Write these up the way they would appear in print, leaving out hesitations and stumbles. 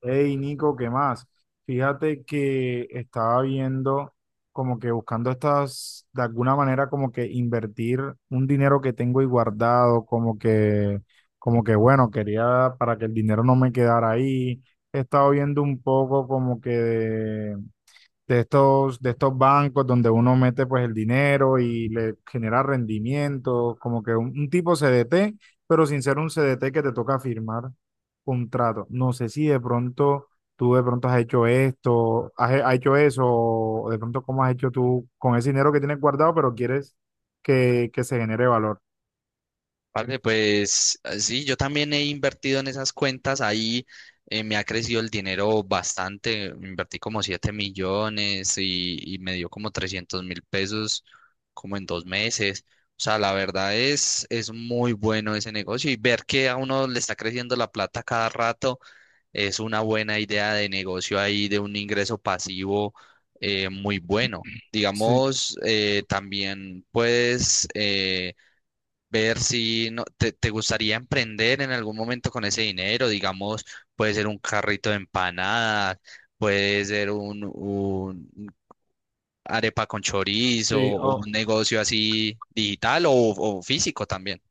Hey Nico, ¿qué más? Fíjate que estaba viendo, como que buscando estas, de alguna manera, como que invertir un dinero que tengo ahí guardado, como que bueno, quería para que el dinero no me quedara ahí. He estado viendo un poco como que de, de estos bancos donde uno mete pues el dinero y le genera rendimiento, como que un tipo CDT, pero sin ser un CDT que te toca firmar contrato. No sé si de pronto tú de pronto has hecho esto, has hecho eso, o de pronto cómo has hecho tú con ese dinero que tienes guardado, pero quieres que se genere valor. Vale, pues sí, yo también he invertido en esas cuentas, ahí me ha crecido el dinero bastante. Invertí como 7 millones y me dio como 300.000 pesos como en 2 meses. O sea, la verdad es muy bueno ese negocio, y ver que a uno le está creciendo la plata cada rato es una buena idea de negocio ahí, de un ingreso pasivo muy bueno. Sí, Digamos, también puedes ver si no, te gustaría emprender en algún momento con ese dinero. Digamos, puede ser un carrito de empanadas, puede ser un arepa con chorizo, sí. o un negocio así digital o físico también.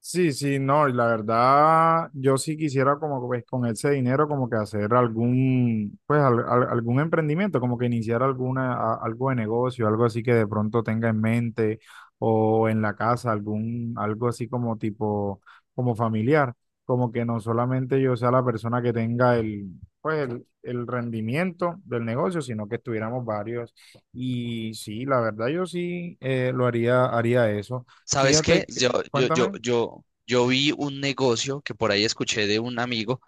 Sí, sí, no, y la verdad, yo sí quisiera, como pues con ese dinero, como que hacer algún, pues algún emprendimiento, como que iniciar alguna, algo de negocio, algo así que de pronto tenga en mente o en la casa, algún, algo así como tipo, como familiar, como que no solamente yo sea la persona que tenga el, pues el rendimiento del negocio, sino que estuviéramos varios. Y sí, la verdad yo sí, lo haría, haría eso. ¿Sabes Fíjate qué? que, Yo, yo, yo, cuéntame. yo, yo vi un negocio que por ahí escuché de un amigo,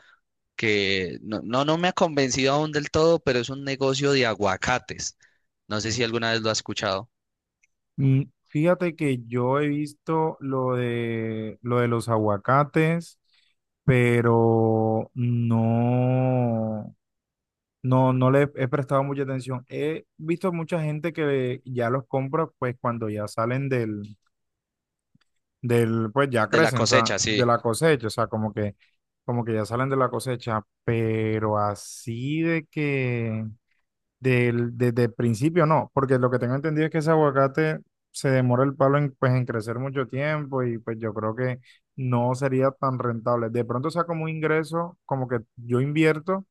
que no me ha convencido aún del todo, pero es un negocio de aguacates. No sé si alguna vez lo has escuchado. Mm. Fíjate que yo he visto lo de los aguacates, pero no, no, no le he prestado mucha atención. He visto mucha gente que ya los compra pues cuando ya salen del, del, pues ya De la crecen, o sea, cosecha, de sí. la cosecha, o sea, como que ya salen de la cosecha, pero así de que del, desde el principio no, porque lo que tengo entendido es que ese aguacate se demora el palo en, pues, en crecer mucho tiempo, y pues yo creo que no sería tan rentable. De pronto sea como un ingreso, como que yo invierto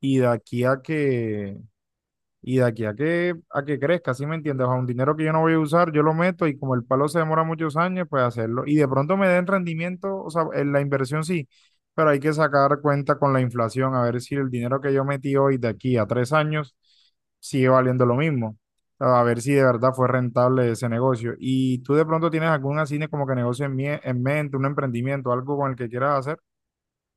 y de aquí a que a que crezca, ¿sí me entiendes? O sea, un dinero que yo no voy a usar, yo lo meto, y como el palo se demora muchos años, pues hacerlo. Y de pronto me den rendimiento, o sea, en la inversión sí, pero hay que sacar cuenta con la inflación, a ver si el dinero que yo metí hoy de aquí a 3 años sigue valiendo lo mismo. A ver si de verdad fue rentable ese negocio. ¿Y tú de pronto tienes algún así como que negocio en, en mente, un emprendimiento, algo con el que quieras hacer?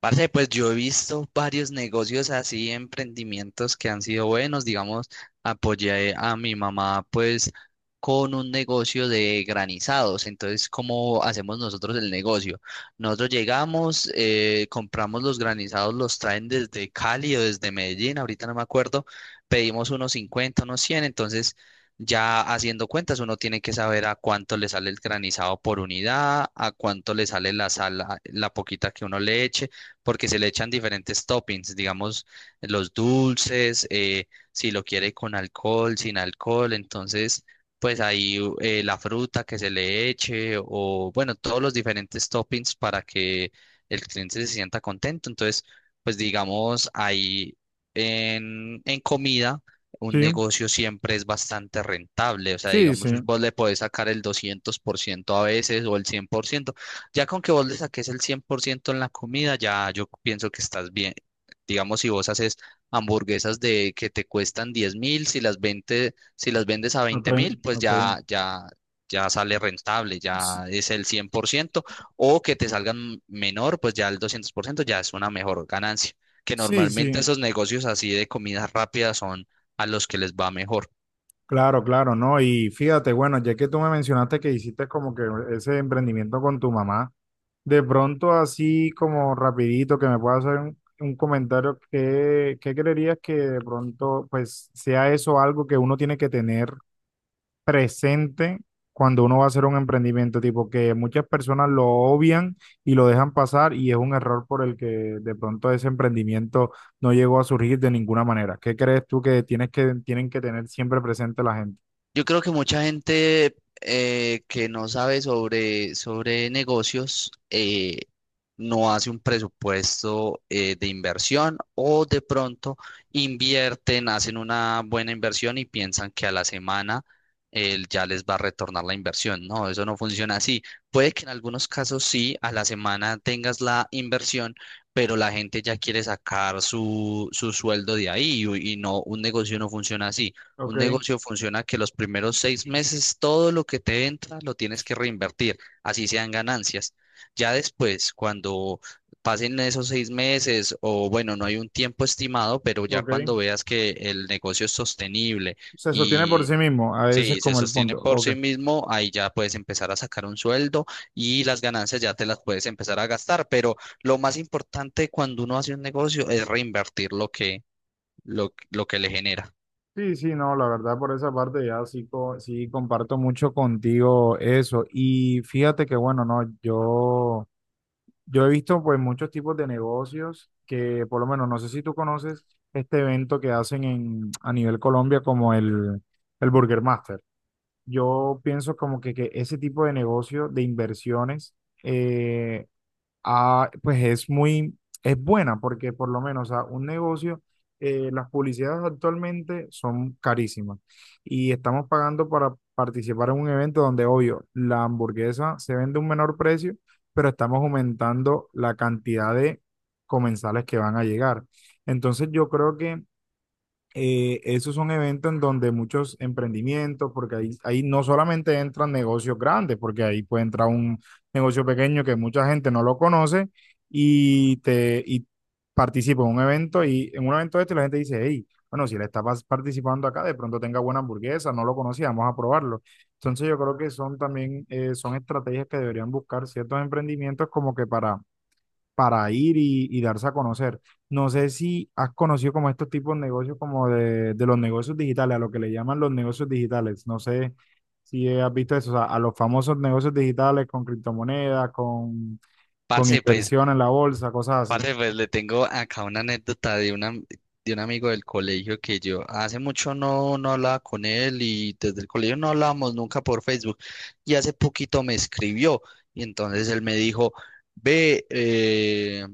Parce, pues yo he visto varios negocios así, emprendimientos que han sido buenos. Digamos, apoyé a mi mamá pues con un negocio de granizados. Entonces, ¿cómo hacemos nosotros el negocio? Nosotros llegamos, compramos los granizados, los traen desde Cali o desde Medellín, ahorita no me acuerdo. Pedimos unos 50, unos 100. Entonces, ya haciendo cuentas, uno tiene que saber a cuánto le sale el granizado por unidad, a cuánto le sale la sal, la poquita que uno le eche, porque se le echan diferentes toppings. Digamos, los dulces, si lo quiere con alcohol, sin alcohol. Entonces, pues ahí la fruta que se le eche, o bueno, todos los diferentes toppings para que el cliente se sienta contento. Entonces, pues digamos, ahí en comida Sí, un negocio siempre es bastante rentable. O sea, sí, sí. digamos, vos le podés sacar el 200% a veces, o el 100%. Ya con que vos le saques el 100% en la comida, ya yo pienso que estás bien. Digamos, si vos haces hamburguesas de que te cuestan 10.000, si las vendes a A 20.000, pues Ok. ya sale rentable, S- ya es el 100%. O que te salgan menor, pues ya el 200% ya es una mejor ganancia, que Sí, normalmente sí. esos negocios así de comidas rápidas son a los que les va mejor. Claro, claro, ¿no? Y fíjate, bueno, ya que tú me mencionaste que hiciste como que ese emprendimiento con tu mamá, de pronto así como rapidito que me puedas hacer un comentario, ¿qué, qué creerías que de pronto pues sea eso algo que uno tiene que tener presente cuando uno va a hacer un emprendimiento? Tipo que muchas personas lo obvian y lo dejan pasar, y es un error por el que de pronto ese emprendimiento no llegó a surgir de ninguna manera. ¿Qué crees tú que tienes que, tienen que tener siempre presente la gente? Yo creo que mucha gente que no sabe sobre negocios, no hace un presupuesto de inversión, o de pronto invierten, hacen una buena inversión y piensan que a la semana ya les va a retornar la inversión. No, eso no funciona así. Puede que en algunos casos sí, a la semana tengas la inversión, pero la gente ya quiere sacar su sueldo de ahí y no, un negocio no funciona así. Ok, Un negocio funciona que los primeros 6 meses todo lo que te entra lo tienes que reinvertir, así sean ganancias. Ya después, cuando pasen esos 6 meses, o bueno, no hay un tiempo estimado, pero ya ok. cuando veas que el negocio es sostenible Se sostiene por y sí mismo, a veces sí, se como el sostiene punto. por Ok. sí mismo, ahí ya puedes empezar a sacar un sueldo, y las ganancias ya te las puedes empezar a gastar. Pero lo más importante cuando uno hace un negocio es reinvertir lo que, lo que le genera. Sí, sí, no, la verdad por esa parte ya sí, sí comparto mucho contigo eso. Y fíjate que bueno, no, yo he visto pues muchos tipos de negocios que por lo menos, no sé si tú conoces este evento que hacen en, a nivel Colombia, como el Burger Master. Yo pienso como que ese tipo de negocio, de inversiones, eh, ah, pues es muy, es buena, porque por lo menos a un negocio, las publicidades actualmente son carísimas, y estamos pagando para participar en un evento donde, obvio, la hamburguesa se vende a un menor precio, pero estamos aumentando la cantidad de comensales que van a llegar. Entonces yo creo que esos son eventos en donde muchos emprendimientos, porque ahí, ahí no solamente entran negocios grandes, porque ahí puede entrar un negocio pequeño que mucha gente no lo conoce, y te y participa en un evento, y en un evento de este la gente dice, hey, bueno, si le está participando acá, de pronto tenga buena hamburguesa, no lo conocía, vamos a probarlo. Entonces yo creo que son también, son estrategias que deberían buscar ciertos emprendimientos, como que para ir y darse a conocer. No sé si has conocido como estos tipos de negocios, como de los negocios digitales, a lo que le llaman los negocios digitales. No sé si has visto eso, o sea, a los famosos negocios digitales con criptomonedas, con Parce, pues inversión en la bolsa, cosas así. Parce, pues le tengo acá una anécdota de una, de un amigo del colegio, que yo hace mucho no hablaba con él, y desde el colegio no hablábamos nunca por Facebook. Y hace poquito me escribió, y entonces él me dijo: ve,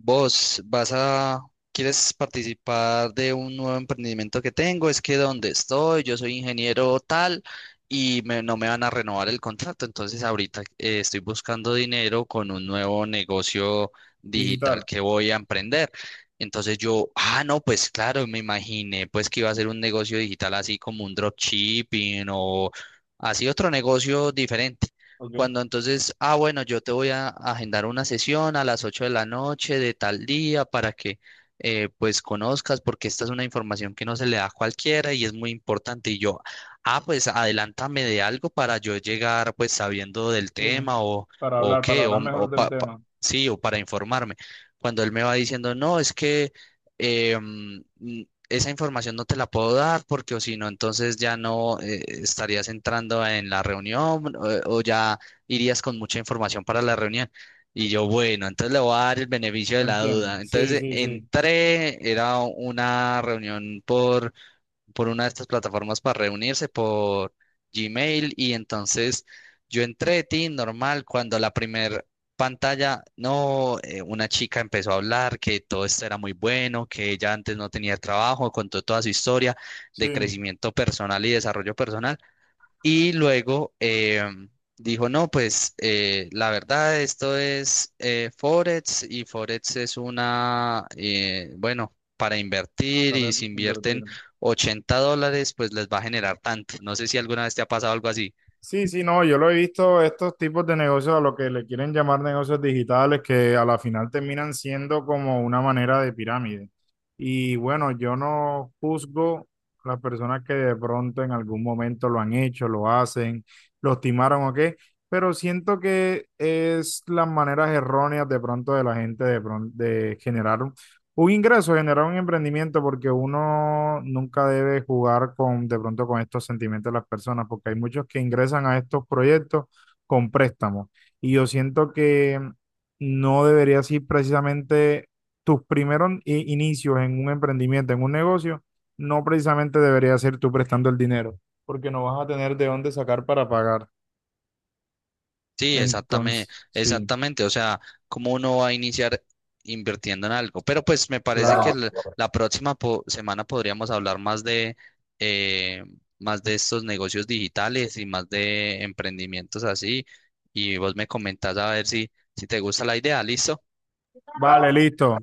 Vos vas a, ¿quieres participar de un nuevo emprendimiento que tengo? Es que donde estoy, yo soy ingeniero tal, y no me van a renovar el contrato. Entonces, ahorita estoy buscando dinero con un nuevo negocio digital Digital, que voy a emprender. Entonces yo: ah, no, pues claro, me imaginé pues que iba a ser un negocio digital así como un dropshipping, o así otro negocio diferente. ok, Cuando, entonces: ah, bueno, yo te voy a agendar una sesión a las 8 de la noche de tal día para que pues conozcas, porque esta es una información que no se le da a cualquiera y es muy importante. Y yo: ah, pues adelántame de algo para yo llegar pues sabiendo del sí, tema, o, o para qué, hablar mejor o del pa- pa- tema, sí, o para informarme. Cuando él me va diciendo: no, es que eh, mm, mm, esa información no te la puedo dar, porque, o si no, entonces ya no estarías entrando en la reunión, o ya irías con mucha información para la reunión. Y yo: bueno, entonces le voy a dar el beneficio de la entiendo, duda. Entonces, sí, sí, sí, entré. Era una reunión por una de estas plataformas para reunirse, por Gmail. Y entonces yo entré, tin, normal, cuando la primer pantalla, no, una chica empezó a hablar, que todo esto era muy bueno, que ella antes no tenía trabajo. Contó toda su historia de sí, crecimiento personal y desarrollo personal. Y luego dijo: no, pues la verdad, esto es Forex, y Forex es una, bueno, para invertir, y para si invertir. invierten $80, pues les va a generar tanto. No sé si alguna vez te ha pasado algo así. Sí, sí, no, yo lo he visto, estos tipos de negocios, a lo que le quieren llamar negocios digitales, que a la final terminan siendo como una manera de pirámide. Y bueno, yo no juzgo a las personas que de pronto en algún momento lo han hecho, lo hacen, lo timaron o qué, pero siento que es las maneras erróneas de pronto de la gente de, de generar un ingreso, genera un emprendimiento, porque uno nunca debe jugar con, de pronto, con estos sentimientos de las personas, porque hay muchos que ingresan a estos proyectos con préstamos. Y yo siento que no debería ser precisamente tus primeros inicios en un emprendimiento, en un negocio, no precisamente debería ser tú prestando el dinero, porque no vas a tener de dónde sacar para pagar. Sí, exactamente, Entonces, sí, exactamente. O sea, cómo uno va a iniciar invirtiendo en algo. Pero pues me parece que claro. La próxima semana podríamos hablar eh, más de estos negocios digitales y más de emprendimientos así. Y vos me comentás a ver si te gusta la idea. ¿Listo? Vale, listo.